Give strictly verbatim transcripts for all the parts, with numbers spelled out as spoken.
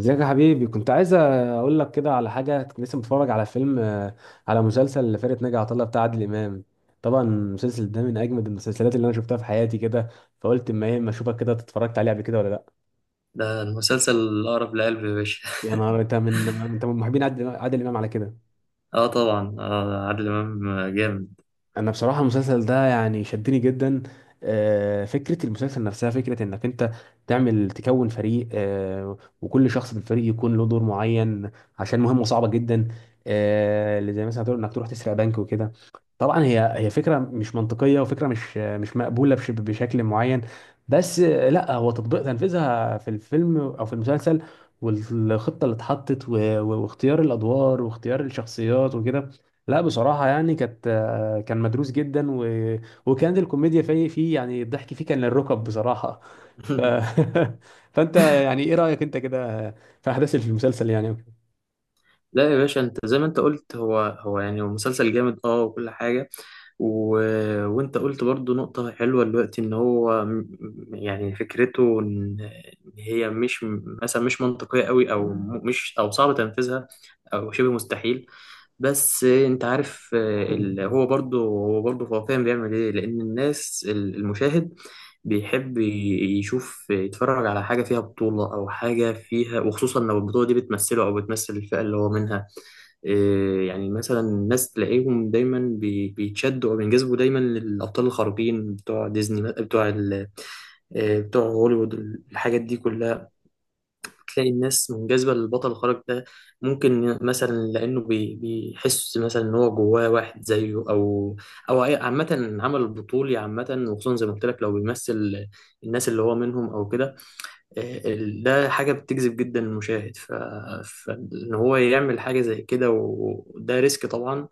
ازيك يا حبيبي، كنت عايز اقول لك كده على حاجه. كنت لسه متفرج على فيلم آه، على مسلسل لفرقه ناجي عطا الله بتاع عادل امام. طبعا المسلسل ده من اجمد المسلسلات اللي انا شفتها في حياتي كده. فقلت اما ايه، اما اشوفك كده اتفرجت عليه قبل كده ولا لا. ده المسلسل الأقرب لقلبي يا باشا. يا نهار انت، من انت من محبين عادل عادل امام على كده. اه طبعا، اه عادل امام جامد. انا بصراحه المسلسل ده يعني شدني جدا. آه، فكره المسلسل نفسها فكره انك انت تعمل تكون فريق، آه، وكل شخص في الفريق يكون له دور معين عشان مهمه صعبه جدا. آه، اللي زي مثلا هتقول انك تروح تسرق بنك وكده. طبعا هي هي فكره مش منطقيه، وفكره مش مش مقبوله بش- بشكل معين. بس لا، هو تطبيق تنفيذها في الفيلم او في المسلسل والخطه اللي اتحطت و- و- واختيار الادوار واختيار الشخصيات وكده، لا بصراحه يعني كانت كان مدروس جدا و... وكانت الكوميديا فيه فيه، يعني الضحك فيه كان للركب بصراحه. ف... فانت يعني ايه رايك انت كده في احداث المسلسل يعني؟ لا يا باشا، انت زي ما انت قلت، هو هو يعني هو مسلسل جامد اه، وكل حاجه. و... وانت قلت برضو نقطه حلوه دلوقتي ان هو م- م- يعني فكرته ان إن هي مش، مثلا مش منطقيه قوي، او م- مش، او صعب تنفيذها، او شبه مستحيل. بس انت عارف، آه، ال... هو برضو هو برضو هو فاهم بيعمل ايه، لان الناس ال- المشاهد بيحب ي- يشوف، يتفرج على حاجة فيها بطولة أو حاجة فيها، وخصوصا لو البطولة دي بتمثله أو بتمثل الفئة اللي هو منها. إيه، يعني مثلا الناس تلاقيهم دايما بي- بيتشدوا أو بينجذبوا دايما للأبطال الخارقين بتوع ديزني، بتوع ال- إيه، بتوع هوليوود، الحاجات دي كلها. تلاقي الناس منجذبة للبطل الخارق ده. ممكن مثلا لأنه بي- بيحس مثلا إن هو جواه واحد زيه، أو أو أي- عامة، العمل البطولي عامة، وخصوصا زي ما قلت لك، لو بيمثل الناس اللي هو منهم أو كده. آه، ال- ده حاجة بتجذب جدا المشاهد. ف... فإن هو يعمل حاجة زي كده، وده ريسك طبعا.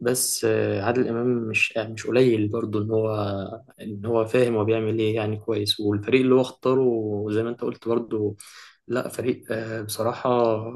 بس آه، عادل امام، مش آه، مش قليل برضه ان هو ان هو فاهم هو بيعمل ايه يعني كويس، والفريق اللي هو اختاره، زي ما انت قلت برضه، لا فريق، آه، بصراحة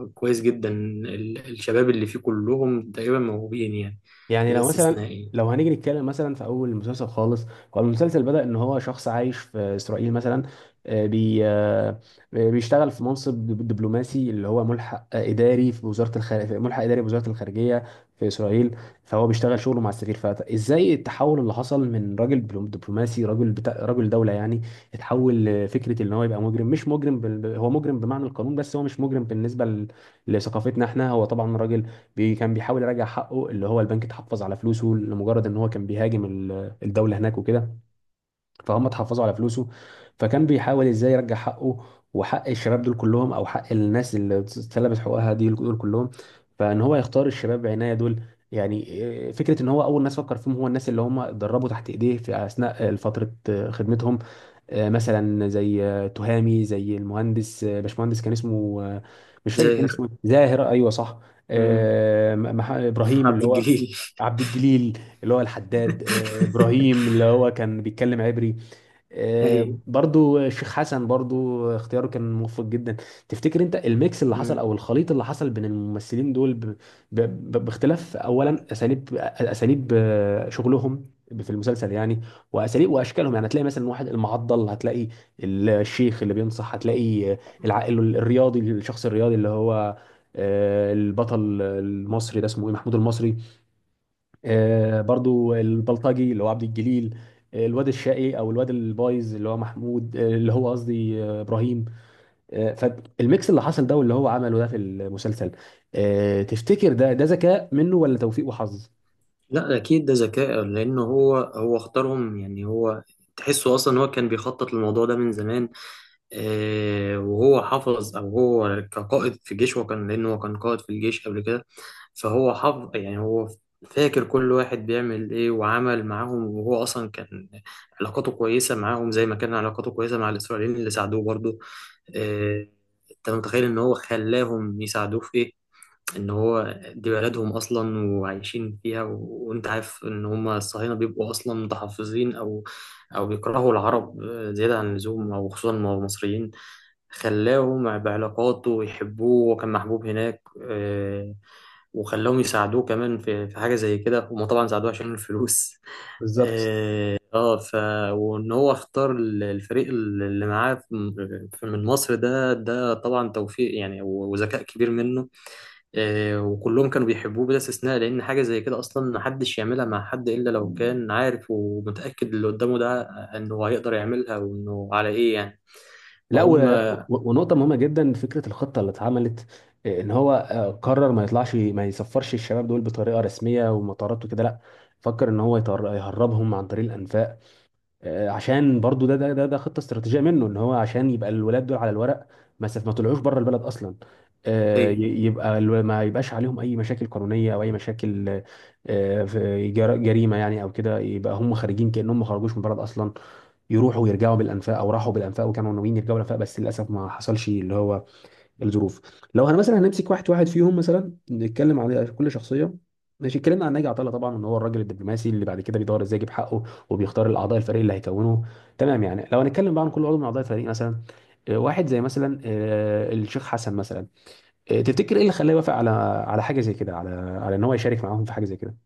كويس جدا. ال- الشباب اللي فيه كلهم تقريبا موهوبين يعني، يعني بلا لو مثلا، استثناء يعني. لو هنيجي نتكلم مثلا في اول المسلسل خالص، هو المسلسل بدأ ان هو شخص عايش في اسرائيل مثلا، آه، بي آه، آه، بيشتغل في منصب دب- دبلوماسي، اللي هو ملحق آه، اداري في وزارة الخارجية، ملحق اداري في وزارة الخارجية في اسرائيل. فهو بيشتغل شغله مع السرير، فازاي التحول اللي حصل من راجل بلو- دبلوماسي، راجل بتا... راجل دولة يعني، اتحول لفكرة ان هو يبقى مجرم. مش مجرم بال... هو مجرم بمعنى القانون، بس هو مش مجرم بالنسبة ل... لثقافتنا احنا. هو طبعا راجل بي كان بيحاول يراجع حقه، اللي هو البنك اتحفظ على فلوسه لمجرد ان هو كان بيهاجم ال- الدولة هناك وكده، فهم اتحفظوا على فلوسه. فكان بيحاول ازاي يرجع حقه وحق الشباب دول كلهم، او حق الناس اللي اتسلبت حقوقها دي دول كلهم. فان هو يختار الشباب بعناية دول، يعني إيه، فكرة ان هو اول ناس فكر فيهم هو الناس اللي هم اتدربوا تحت ايديه في اثناء فترة آه، خدمتهم. آه، مثلا زي آه، تهامي، زي المهندس آه، باشمهندس، كان اسمه آه، مش فاكر كان زاهر. اسمه إيه. زاهر، ايوه صح. مم. آه، م- مح- ابراهيم عبد اللي هو الجليل. عبد الجليل، اللي هو الحداد. آه، ابراهيم اللي هو كان بيتكلم عبري. آه، ايوه. برضو الشيخ حسن برضو اختياره كان موفق جدا. تفتكر انت الميكس اللي حصل مم. او الخليط اللي حصل بين الممثلين دول ب... ب... ب- باختلاف اولا اساليب اساليب آه، شغلهم في المسلسل يعني، واساليب واشكالهم؟ يعني هتلاقي مثلا واحد المعضل، هتلاقي الشيخ اللي بينصح، هتلاقي آه، العائل الرياضي، الشخص الرياضي اللي هو آه، البطل المصري، ده اسمه ايه، محمود المصري. آه، برضو البلطجي اللي هو عبد الجليل. آه، الواد الشقي او الواد البايظ اللي هو محمود آه، اللي هو قصدي آه، ابراهيم. آه، فالميكس اللي حصل ده واللي هو عمله ده في المسلسل، آه، تفتكر ده ده ذكاء منه ولا توفيق وحظ؟ لا اكيد ده ذكاء، لانه هو هو اختارهم يعني. هو تحسه اصلا هو كان بيخطط للموضوع ده من زمان، آه، وهو حافظ، او هو كقائد في جيش، وكان لانه هو كان قائد في الجيش قبل كده، فهو حافظ يعني. هو فاكر كل واحد بيعمل ايه، وعمل معاهم، وهو اصلا كان علاقاته كويسه معاهم، زي ما كان علاقاته كويسه مع الاسرائيليين اللي ساعدوه برضه. آه، انت متخيل ان هو خلاهم يساعدوه في ايه؟ ان هو دي بلدهم اصلا، وعايشين فيها، و... وانت عارف ان هم الصهاينه بيبقوا اصلا متحفظين، او او بيكرهوا العرب آه، زياده عن اللزوم، او خصوصا المصريين. خلاهم بعلاقاته يحبوه، وكان محبوب هناك، آه، وخلاهم يساعدوه كمان في في حاجه زي كده. هم طبعا ساعدوه عشان الفلوس. بالظبط. اه، آه، ف وان هو اختار ال- الفريق اللي معاه، في- في- من مصر، ده ده طبعا توفيق يعني، و- وذكاء كبير منه، آه، وكلهم كانوا بيحبوه بلا استثناء، لأن حاجة زي كده أصلا محدش يعملها مع حد إلا لو كان عارف ومتأكد اللي قدامه ده إنه هيقدر يعملها، وإنه على إيه يعني، لا و... فهم. و- ونقطة مهمة جدا، فكرة الخطة اللي اتعملت، آه، ان هو آه، قرر ما يطلعش ما يسفرش الشباب دول بطريقة رسمية ومطارات وكده، لا، فكر ان هو يطر- يهربهم عن طريق الانفاق. آه، عشان برضو ده ده ده, ده خطه استراتيجيه منه، ان هو عشان يبقى الولاد دول على الورق ما سف- ما طلعوش بره البلد اصلا. آه، ي- إيه، يبقى الو- ما يبقاش عليهم اي مشاكل قانونيه او اي مشاكل آه، في جر- جريمه يعني او كده، يبقى هم خارجين كانهم ما خرجوش من البلد اصلا. يروحوا ويرجعوا بالانفاق، او راحوا بالانفاق وكانوا ناويين يرجعوا بالانفاق، بس للاسف ما حصلش اللي هو الظروف. لو هن مثلا هنمسك واحد واحد فيهم مثلا نتكلم على كل شخصيه، ماشي. اتكلمنا عن ناجي عطا الله، طبعا ان هو الراجل الدبلوماسي اللي بعد كده بيدور ازاي يجيب حقه، وبيختار الاعضاء الفريق اللي هيكونه. تمام، يعني لو هنتكلم بقى عن كل عضو من اعضاء الفريق مثلا، آه، واحد زي مثلا آه، الشيخ حسن مثلا، آه، تفتكر ايه اللي خلاه يوافق على على حاجه زي كده، على على ان هو يشارك معاهم في حاجه زي كده؟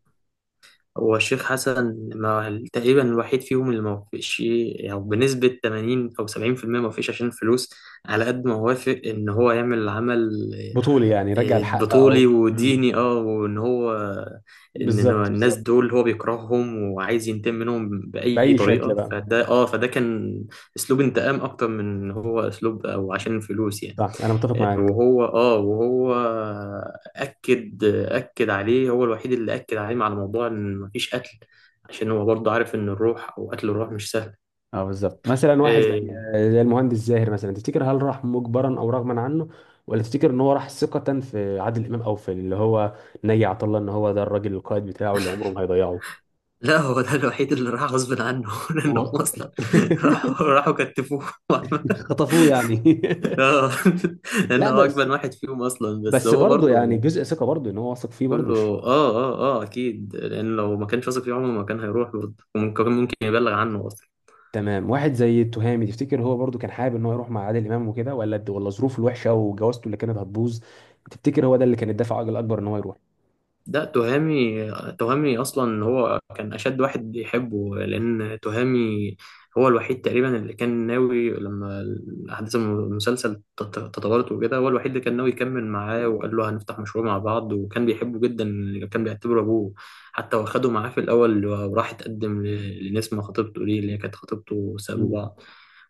هو الشيخ حسن، ما تقريبا الوحيد فيهم اللي ما وافقش، يعني بنسبة ثمانين أو سبعين في المية، ما وافقش عشان الفلوس، على قد ما وافق إن هو يعمل العمل بطوله يعني، يرجع الحق بطولي او مم. وديني. اه، وان هو ان إن هو بالظبط، الناس بالظبط. دول هو بيكرههم وعايز ينتقم منهم باي باي شكل طريقه، بقى. فده اه فده كان اسلوب انتقام اكتر من إن هو اسلوب، او عشان الفلوس يعني، صح، انا متفق آه، معاك. وهو اه وهو اكد اكد عليه، هو الوحيد اللي اكد عليه على موضوع ان مفيش قتل، عشان هو برضه عارف ان الروح، او قتل الروح، مش سهل. اه بالظبط. مثلا واحد زي إيه، زي المهندس زاهر مثلا، تفتكر هل راح مجبرا او رغما عنه، ولا تفتكر ان هو راح ثقة في عادل امام، او في اللي هو نجي عطا الله، ان هو ده الراجل القائد بتاعه اللي عمره ما هيضيعه؟ لا هو ده الوحيد اللي راح غصب عنه. لانه هو. اصلا راحوا راحوا كتفوه. خطفوه يعني. اه. لا لانه هو بس، اجمل واحد فيهم اصلا، بس بس هو برضه يعني برضه جزء ثقة برضه، ان هو واثق فيه برضه كله، مش. اه اه اه اكيد، لان لو ما كانش واثق فيه عمره ما كان هيروح برضه، وممكن ممكن يبلغ عنه. تمام. واحد زي التهامي، تفتكر هو برضه كان حابب ان هو يروح مع عادل امام وكده، ولا ولا ظروفه الوحشة وجوازته اللي كانت هتبوظ، تفتكر هو ده اللي كان الدافع الاكبر ان هو يروح؟ ده تهامي. تهامي اصلا هو كان اشد واحد يحبه، لان تهامي هو الوحيد تقريبا اللي كان ناوي لما احداث المسلسل تط- تطورت وكده، هو الوحيد اللي كان ناوي يكمل معاه، وقال له هنفتح مشروع مع بعض، وكان بيحبه جدا. كان بيعتبره ابوه، حتى واخده معاه في الاول، وراح اتقدم ل- لنسمة خطيبته دي، اللي هي كانت خطيبته، سابوا مم. بعض،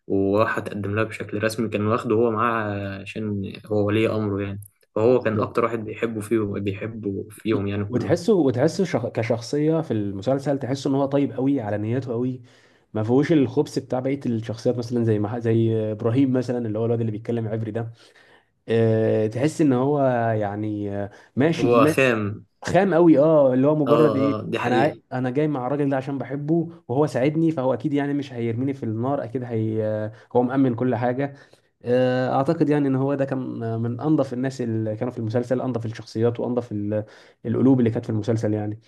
وراح اتقدم لها بشكل رسمي. كان واخده هو معاه عشان هو ولي امره يعني. فهو كان بالظبط. اكتر واحد بيحبه فيهم، بيحبه فيهم يعني كلهم. وتحسه وتحسه شخ... كشخصية في المسلسل، تحسه ان هو طيب قوي، على نيته قوي، ما فيهوش الخبث بتاع بقية الشخصيات، مثلا زي ما زي ابراهيم مثلا، اللي هو الواد اللي بيتكلم عبري ده. أه... تحس ان هو يعني، آه، ماشي هو ما... خام، خام قوي، اه، اللي هو مجرد ايه، اه، اه دي انا عاي... حقيقة. انا جاي مع الراجل ده عشان بحبه وهو ساعدني، فهو اكيد يعني مش هيرميني في النار اكيد. هي... آه، هو مأمن كل حاجة. آه، اعتقد يعني ان هو ده كان من انظف الناس اللي كانوا في المسلسل، انظف الشخصيات وانظف ال- القلوب اللي كانت في المسلسل يعني.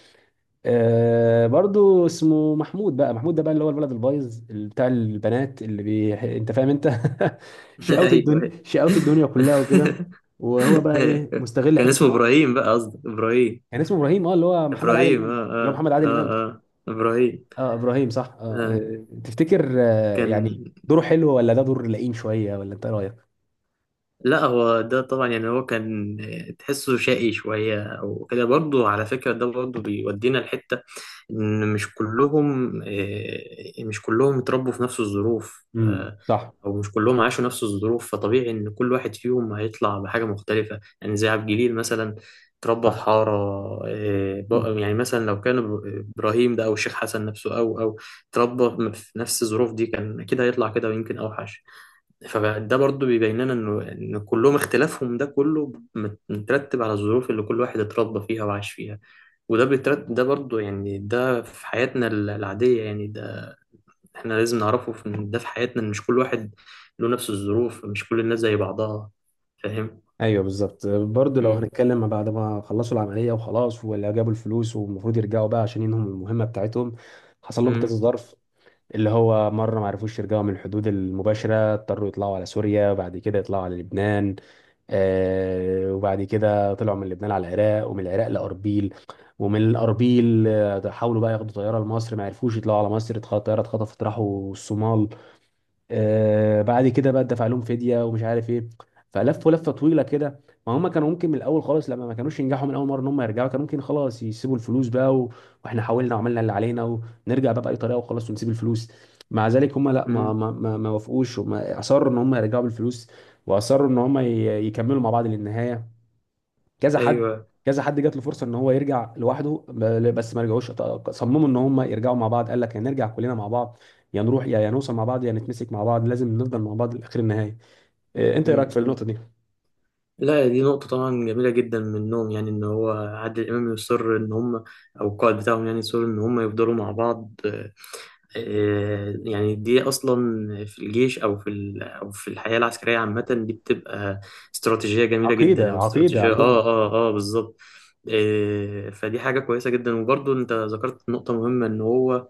آه، برضو اسمه محمود بقى. محمود ده بقى اللي هو الولد البايظ، اللي بتاع البنات، اللي بي... انت فاهم انت. شقاوة ايوه. الدنيا، أيوة. شقاوة الدنيا كلها وكده. وهو بقى ايه، مستغل كان حتة اسمه ان هو ابراهيم بقى، قصدي ابراهيم كان اسمه ابراهيم، اه، اللي هو محمد عادل ابراهيم امام، اه اللي هو اه محمد اه عادل امام. اه، ابراهيم اه ابراهيم صح. اه آه. آه، تفتكر، آه، يعني كان دوره حلو ولا ده دور لئيم شوية، ولا انت إيه رايك؟ لا، هو ده طبعا يعني هو كان. تحسه شقي شوية او كده برضه، على فكرة ده برضه بيودينا لحتة ان مش كلهم، آه، مش كلهم اتربوا في نفس الظروف، امم، آه، صح. او مش كلهم عاشوا نفس الظروف. فطبيعي ان كل واحد فيهم هيطلع بحاجه مختلفه يعني. زي عبد الجليل مثلا، اتربى في حاره، آه، صح، ب- يعني مثلا لو كان إب- ابراهيم ده، او الشيخ حسن نفسه، او او اتربى في نفس الظروف دي، كان اكيد هيطلع كده، ويمكن اوحش. فده برضو بيبين لنا انه ان كلهم اختلافهم ده كله مت- مترتب على الظروف اللي كل واحد اتربى فيها وعاش فيها، وده بيترتب، ده برضو يعني، ده في حياتنا ال- العادية يعني. ده احنا لازم نعرفه، في ان ده في حياتنا إن مش كل واحد له نفس الظروف، مش كل الناس زي بعضها، فاهم؟ ايوه بالظبط. برضه لو امم. هنتكلم بعد ما خلصوا العمليه وخلاص، ولا جابوا الفلوس والمفروض يرجعوا بقى عشان ينهوا المهمه بتاعتهم، حصل لهم كذا امم. ظرف. اللي هو مره ما عرفوش يرجعوا من الحدود المباشره، اضطروا يطلعوا على سوريا، وبعد كده يطلعوا على لبنان، آه وبعد كده طلعوا من لبنان على العراق، ومن العراق لأربيل، ومن الأربيل آه، حاولوا بقى ياخدوا طيارة لمصر، ما عرفوش يطلعوا على مصر، اتخ- الطيارة اتخطفت، راحوا الصومال، آه بعد كده بقى دفع لهم فديه ومش عارف ايه. فلفوا لفه طويله كده. ما هم كانوا ممكن من الاول خالص، لما ما كانوش ينجحوا من اول مره ان هم يرجعوا، كانوا ممكن خلاص يسيبوا الفلوس بقى و... واحنا حاولنا وعملنا اللي علينا، ونرجع بقى باي طريقه وخلاص، ونسيب الفلوس. مع ذلك هم لا، ما ما ما ما وافقوش، هم اصروا ان هم يرجعوا بالفلوس، واصروا ان هم ي- يكملوا مع بعض للنهايه. كذا حد ايوه. كذا حد جات له فرصه ان هو يرجع لوحده ب- بس ما رجعوش. ط- صمموا ان هم يرجعوا مع بعض. قال لك يا نرجع كلنا مع بعض، يا نروح، يا يا نوصل مع بعض، يا نتمسك مع بعض، لازم نفضل مع بعض لاخر النهايه. إيه، انت ايه رايك مم. في النقطه دي؟ لا، دي نقطة طبعا جميلة جدا منهم، يعني إن هو عادل إمام يصر إن هم، أو القائد بتاعهم يعني، يصر إن هم يفضلوا مع بعض، آه، آه، يعني دي أصلا في الجيش، أو في ال- أو في الحياة العسكرية عامة، دي بتبقى استراتيجية جميلة جدا، عقيده، أو عقيده استراتيجية. آه، عندهم. آه، آه، بالظبط. آه، فدي حاجة كويسة جدا، وبرضه أنت ذكرت نقطة مهمة إن هو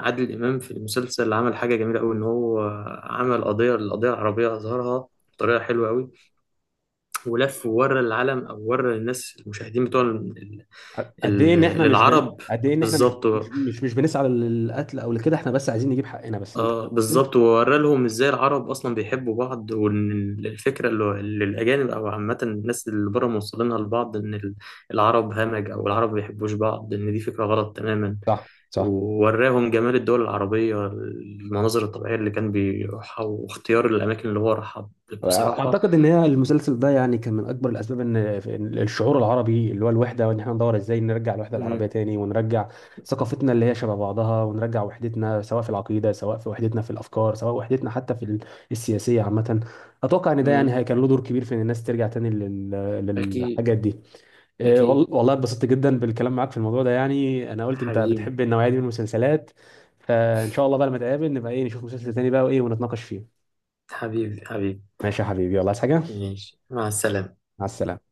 عادل إمام في المسلسل عمل حاجة جميلة أوي، إن هو عمل قضية، القضية العربية، أظهرها بطريقة حلوة أوي، ولف وورى العالم، او ورى الناس، المشاهدين بتوع ال- ال- قد ايه ان احنا ال- مش بن... العرب. قد ايه ان احنا مش بالظبط. مش مش, مش بنسعى للقتل او لكده، احنا بس عايزين نجيب حقنا بس، انت اه، فاهم بالظبط، قصدي. وورى لهم ازاي العرب اصلا بيحبوا بعض، وان ال- الفكره اللي اللي الاجانب او عامه الناس اللي بره موصلينها لبعض، ان ال- العرب همج، او العرب ما بيحبوش بعض، ان دي فكره غلط تماما. صح، صح. ووراهم جمال الدول العربية، المناظر الطبيعية اللي كان بيروحها، واختيار الأماكن اللي هو راحها. بصراحة. اعتقد ان هي المسلسل ده يعني كان من اكبر الاسباب ان في- إن الشعور العربي اللي هو الوحده، وان احنا ندور ازاي نرجع الوحده مم. العربيه تاني، ونرجع ثقافتنا اللي هي شبه بعضها، ونرجع وحدتنا سواء في العقيده، سواء في وحدتنا في الافكار، سواء وحدتنا حتى في ال- السياسيه عامه. اتوقع ان ده يعني مم. هي- كان له دور كبير في ان الناس ترجع تاني لل- أكيد. للحاجات دي. إيه، وال- أكيد والله اتبسطت جدا بالكلام معاك في الموضوع ده، يعني انا قلت انت حبيبي. بتحب النوعيه دي من المسلسلات. فان شاء الله بقى لما نتقابل نبقى ايه، نشوف مسلسل تاني بقى وايه، ونتناقش فيه. حبيبي حبيبي. ماشي يا حبيبي، يلا، عايز حاجه؟ ماشي، مع السلامة. مع السلامه.